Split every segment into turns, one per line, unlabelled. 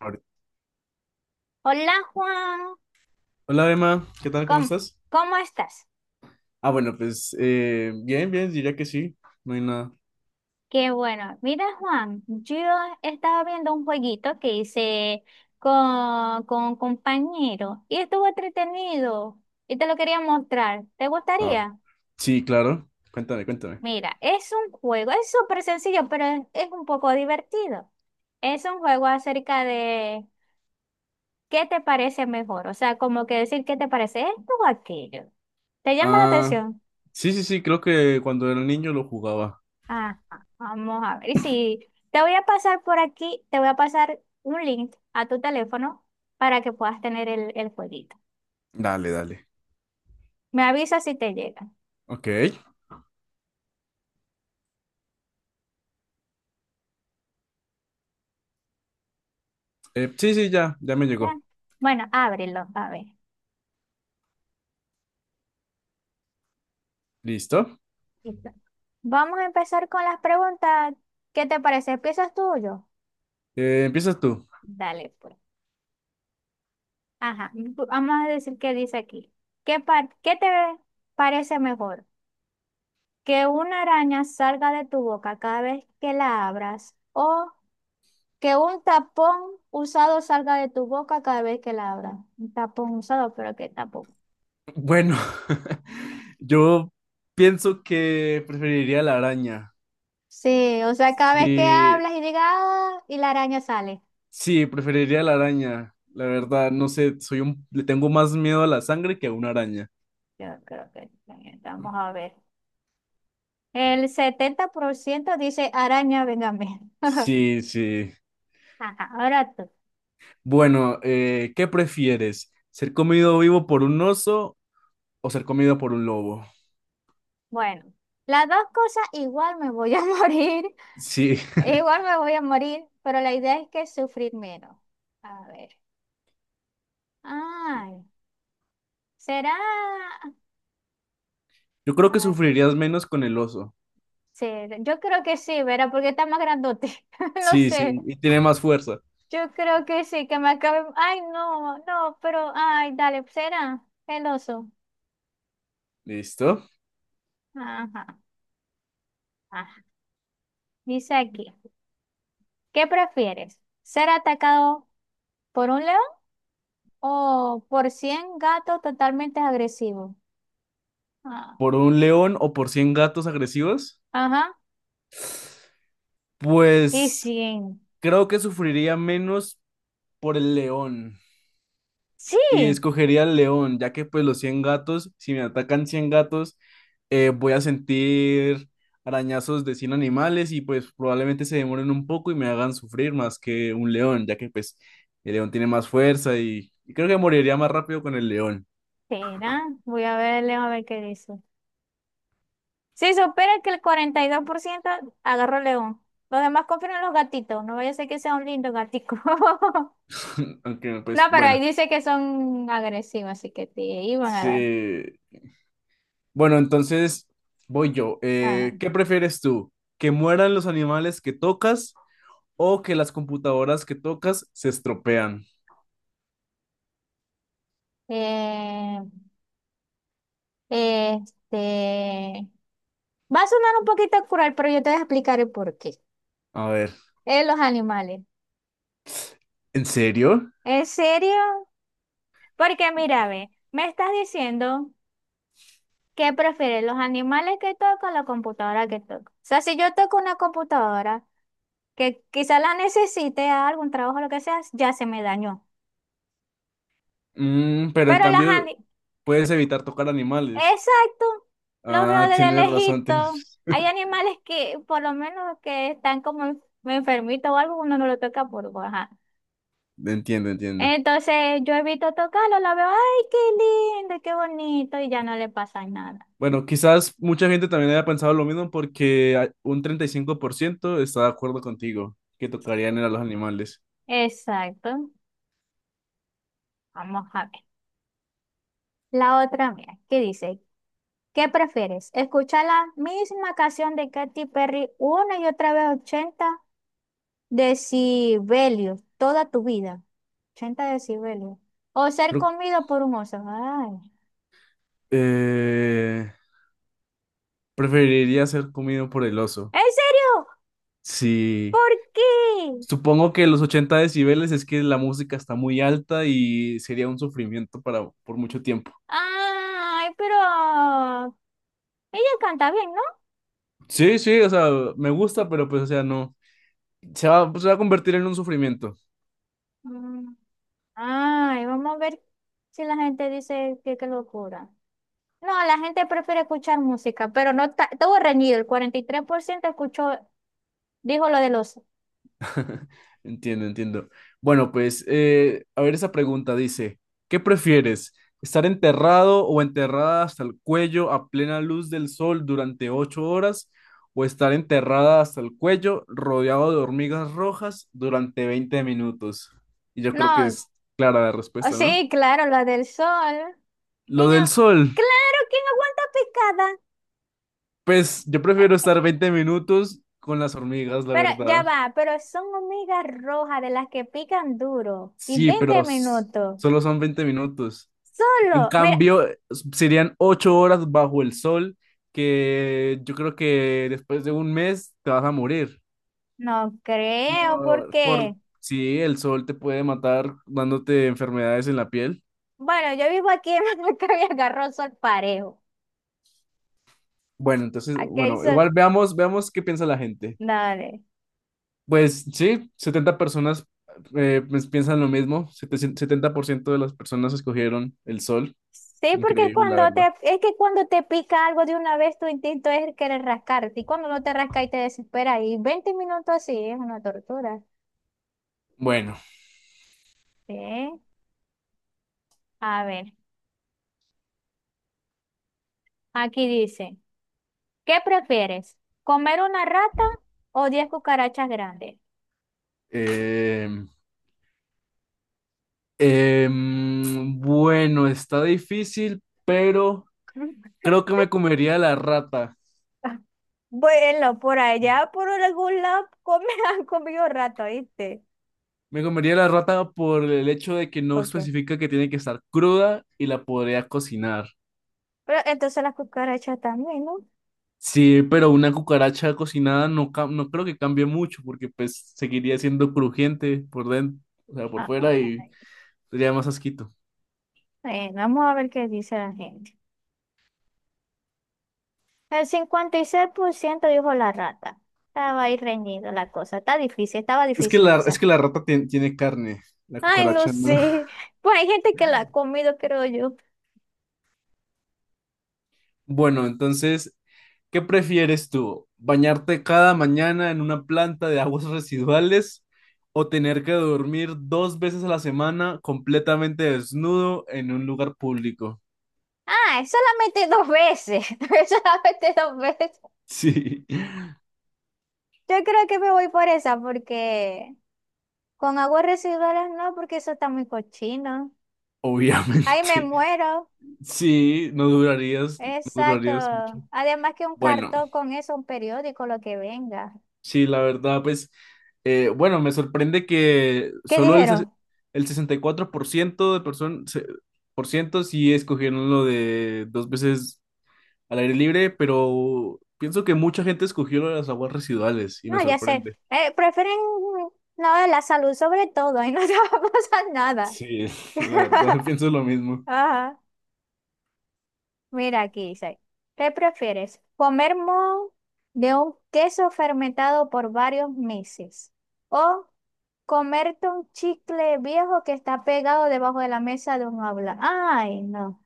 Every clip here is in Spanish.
Ahorita.
Hola Juan,
Hola Emma, ¿qué tal? ¿Cómo
¿cómo,
estás?
cómo estás?
Ah, bueno, pues bien, bien, diría que sí, no hay nada.
Qué bueno. Mira Juan, yo estaba viendo un jueguito que hice con un compañero y estuvo entretenido y te lo quería mostrar. ¿Te
Ah,
gustaría?
sí, claro, cuéntame, cuéntame.
Mira, es un juego, es súper sencillo, pero es un poco divertido. Es un juego acerca de qué te parece mejor, o sea, como que decir qué te parece esto o aquello. ¿Te llama la
Ah,
atención?
sí, sí, sí, creo que cuando era niño lo jugaba.
Ajá, vamos a ver. Y si te voy a pasar por aquí, te voy a pasar un link a tu teléfono para que puedas tener el jueguito.
Dale, dale.
Me avisas si te llega.
Ok, sí, sí, ya, ya me
¿Ya?
llegó.
Bueno, ábrelo, a ver.
Listo.
Listo. Vamos a empezar con las preguntas. ¿Qué te parece? ¿Empiezas tú o yo?
Empiezas tú.
Dale, pues. Ajá, vamos a decir qué dice aquí. ¿Qué te parece mejor? ¿Que una araña salga de tu boca cada vez que la abras? ¿O que un tapón usado salga de tu boca cada vez que la abras? Un tapón usado, pero ¿qué tapón?
Bueno, yo pienso que preferiría la araña.
Sí, o sea, cada vez que
Sí,
hablas y digas, "Ah", y la araña sale.
sí, preferiría la araña. La verdad, no sé, soy un, le tengo más miedo a la sangre que a una araña.
Yo creo que también, vamos a ver. El 70% dice araña, véngame.
Sí, sí.
Ajá, ahora tú.
Bueno, ¿qué prefieres? ¿Ser comido vivo por un oso o ser comido por un lobo?
Bueno, las dos cosas igual me voy a morir,
Sí,
igual me voy a morir, pero la idea es que sufrir menos. A ver. Ay, será.
yo creo que
Ay,
sufrirías menos con el oso.
sí, yo creo que sí, Vera, porque está más grandote. No
Sí, sí,
sé,
y tiene más fuerza.
yo creo que sí, que me acabe. Ay, no, no, pero, ay, dale, será el oso.
¿Listo?
Ajá, ajá. Dice aquí, ¿qué prefieres? ¿Ser atacado por un león o por 100 gatos totalmente agresivos? Ah,
¿Por un león o por 100 gatos agresivos?
ajá, y
Pues
100.
creo que sufriría menos por el león.
Sí,
Y escogería el león, ya que pues los 100 gatos, si me atacan 100 gatos, voy a sentir arañazos de 100 animales y pues probablemente se demoren un poco y me hagan sufrir más que un león, ya que pues el león tiene más fuerza y creo que moriría más rápido con el león.
será. Voy a ver el león a ver qué dice. Si supera que el 42% agarró león. Los demás confirman los gatitos. No vaya a ser que sea un lindo gatico.
Aunque
No,
pues
pero ahí
bueno,
dice que son agresivos, así que te iban a dar.
sí. Bueno, entonces voy yo.
Ah,
¿Qué prefieres tú? ¿Que mueran los animales que tocas o que las computadoras que tocas se estropean?
eh, este. Va a sonar un poquito cruel, pero yo te voy a explicar el por qué.
A ver,
Los animales.
¿en serio?
¿En serio? Porque mira, ve, me estás diciendo que prefieres los animales que toco o la computadora que toco. O sea, si yo toco una computadora, que quizás la necesite a algún trabajo, lo que sea, ya se me dañó.
Mm, pero en
Pero las
cambio,
ani-
puedes evitar tocar animales.
exacto, los veo
Ah,
desde
tienes razón,
lejito. Hay animales que, por lo menos, que están como enfermitos o algo, uno no lo toca por baja.
Entiendo, entiendo.
Entonces yo evito tocarlo, la veo, ay, qué lindo, qué bonito, y ya no le pasa nada.
Bueno, quizás mucha gente también haya pensado lo mismo porque un 35% está de acuerdo contigo, que tocarían a los animales.
Exacto. Vamos a ver. La otra, mía, ¿qué dice? ¿Qué prefieres? ¿Escuchar la misma canción de Katy Perry una y otra vez 80 decibelios, toda tu vida? 80 decibelios. ¿O ser
Creo-
comido por un oso? Ay.
eh, preferiría ser comido por el oso.
¿En serio?
Sí.
¿Por qué?
Supongo que los 80 decibeles es que la música está muy alta y sería un sufrimiento para por mucho tiempo.
Ay, pero ella canta bien, ¿no?
Sí, sí, o sea, me gusta, pero pues, o sea, no. Se va a convertir en un sufrimiento.
Mm. Ay, vamos a ver si la gente dice que qué locura. No, la gente prefiere escuchar música, pero no estuvo reñido. El 43% escuchó, dijo lo del oso.
Entiendo, entiendo. Bueno, pues, a ver, esa pregunta dice, ¿qué prefieres? ¿Estar enterrado o enterrada hasta el cuello a plena luz del sol durante 8 horas? ¿O estar enterrada hasta el cuello rodeado de hormigas rojas durante 20 minutos? Y yo creo que
No,
es clara la
oh,
respuesta, ¿no?
sí, claro, lo del sol.
Lo
¿Quién
del
a-
sol,
Claro, ¿quién aguanta picada?
pues yo prefiero
Eh,
estar 20 minutos con las hormigas, la
Pero ya
verdad.
va, pero son hormigas rojas de las que pican duro y
Sí,
20
pero
minutos.
solo son 20 minutos. En
Solo, mira,
cambio, serían 8 horas bajo el sol que yo creo que después de un mes te vas a morir.
no creo porque,
Sí, el sol te puede matar dándote enfermedades en la piel.
bueno, yo vivo aquí en Maccabi agarró sol parejo.
Bueno, entonces,
Aquí hay
bueno,
sol,
igual veamos, veamos qué piensa la gente.
dale.
Pues sí, 70 personas pues, piensan lo mismo. Setenta por ciento de las personas escogieron el sol.
Sí, porque es
Increíble, la
cuando te,
verdad.
es que cuando te pica algo de una vez tu instinto es querer rascarte y cuando no te rasca y te desespera y 20 minutos así es una tortura.
Bueno,
Sí, a ver, aquí dice. ¿Qué prefieres? ¿Comer una rata o 10 cucarachas grandes?
em, bueno, está difícil, pero creo que me comería la rata.
Bueno, por allá, por algún lado, han comido rato, ¿viste?
Me comería la rata por el hecho de que no
¿Por qué?
especifica que tiene que estar cruda y la podría cocinar.
Pero entonces las cucarachas también, ¿no?
Sí, pero una cucaracha cocinada no, no creo que cambie mucho porque pues seguiría siendo crujiente por dentro, o sea, por
Ah, ah,
fuera y
ah.
sería más asquito.
Bueno, vamos a ver qué dice la gente. El 56% dijo la rata. Estaba ahí reñido la cosa. Está difícil, estaba difícil
Es
esa.
que la rata tiene carne, la
Ay, no
cucaracha no.
sé. Pues hay gente que la ha comido, creo yo.
Bueno, entonces, ¿qué prefieres tú? ¿Bañarte cada mañana en una planta de aguas residuales o tener que dormir dos veces a la semana completamente desnudo en un lugar público?
Ah, solamente dos veces. Solamente dos veces.
Sí,
Yo creo que me voy por esa porque con aguas residuales no, porque eso está muy cochino. Ahí me
obviamente.
muero.
Sí, no durarías, no
Exacto.
durarías mucho.
Además que un
Bueno,
cartón con eso, un periódico, lo que venga.
sí, la verdad, pues, bueno, me sorprende que
¿Qué
solo el,
dijeron?
el 64% de personas, por ciento sí escogieron lo de dos veces al aire libre, pero pienso que mucha gente escogió lo de las aguas residuales y
No,
me
ya sé.
sorprende.
Prefieren no, la salud sobre todo y no te va a pasar nada.
Sí, la verdad, pienso lo mismo.
Ajá. Mira, aquí dice, ¿qué prefieres? ¿Comer moho de un queso fermentado por varios meses? ¿O comerte un chicle viejo que está pegado debajo de la mesa de un aula? Ay, no.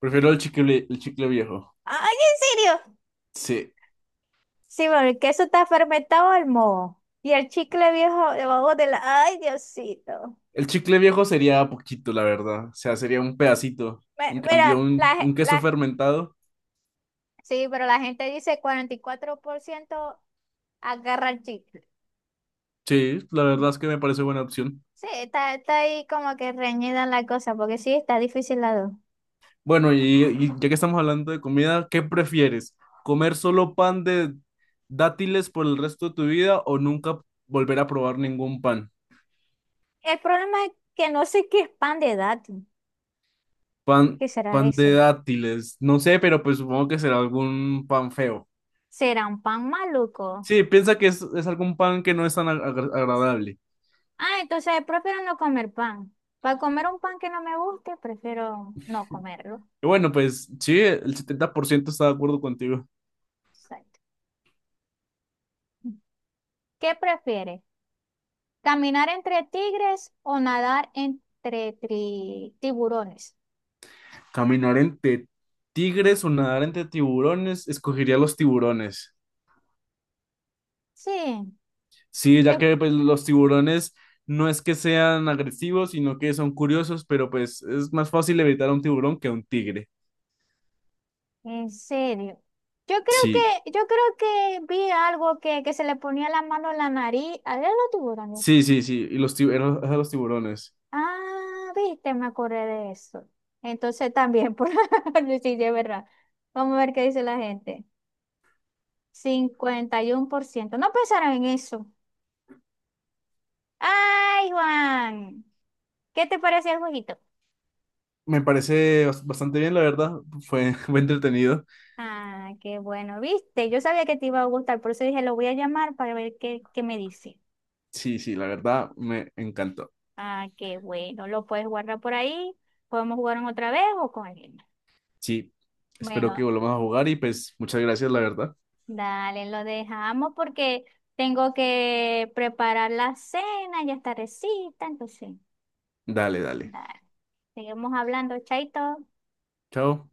Prefiero el chicle viejo.
Ay, ¿en serio?
Sí,
Sí, bueno, el queso está fermentado el moho. Y el chicle viejo debajo de la... Ay, Diosito.
el chicle viejo sería poquito, la verdad. O sea, sería un pedacito. En cambio,
Mira, la,
un, un queso
la...
fermentado,
Sí, pero la gente dice 44% agarra el chicle.
sí, la verdad es que me parece buena opción.
Sí, está, está ahí como que reñida la cosa, porque sí, está difícil la dos.
Bueno, y ya que estamos hablando de comida, ¿qué prefieres? ¿Comer solo pan de dátiles por el resto de tu vida o nunca volver a probar ningún pan?
El problema es que no sé qué es pan de dato.
Pan,
¿Qué será
pan de
eso?
dátiles. No sé, pero pues supongo que será algún pan feo.
¿Será un pan maluco?
Sí, piensa que es algún pan que no es tan agradable.
Ah, entonces prefiero no comer pan. Para comer un pan que no me guste, prefiero no comerlo.
Y bueno, pues sí, el 70% está de acuerdo contigo.
Exacto. ¿Qué prefieres? ¿Caminar entre tigres o nadar entre tiburones?
Caminar entre tigres o nadar entre tiburones, escogería los tiburones.
Sí,
Sí, ya
yo.
que pues, los tiburones no es que sean agresivos, sino que son curiosos, pero pues es más fácil evitar a un tiburón que a un tigre.
En serio. Yo
Sí,
creo yo creo que vi algo que se le ponía la mano en la nariz. A ver, lo tuvo también.
sí, sí, sí. Y los tiburones, los tiburones.
Ah, viste, me acordé de eso. Entonces también, por sí, sí, verdad. Vamos a ver qué dice la gente. 51%. No pensaron en eso. Ay, Juan. ¿Qué te parece el jueguito?
Me parece bastante bien, la verdad. Fue, fue entretenido.
Ah, qué bueno, viste. Yo sabía que te iba a gustar, por eso dije, lo voy a llamar para ver qué, qué me dice.
Sí, sí, la verdad me encantó.
Ah, qué bueno. Lo puedes guardar por ahí. Podemos jugar en otra vez o con alguien.
Sí, espero que
Bueno,
volvamos a jugar y pues muchas gracias, la verdad.
dale, lo dejamos porque tengo que preparar la cena, ya está recita, entonces,
Dale, dale.
dale. Seguimos hablando, chaito.
Chao.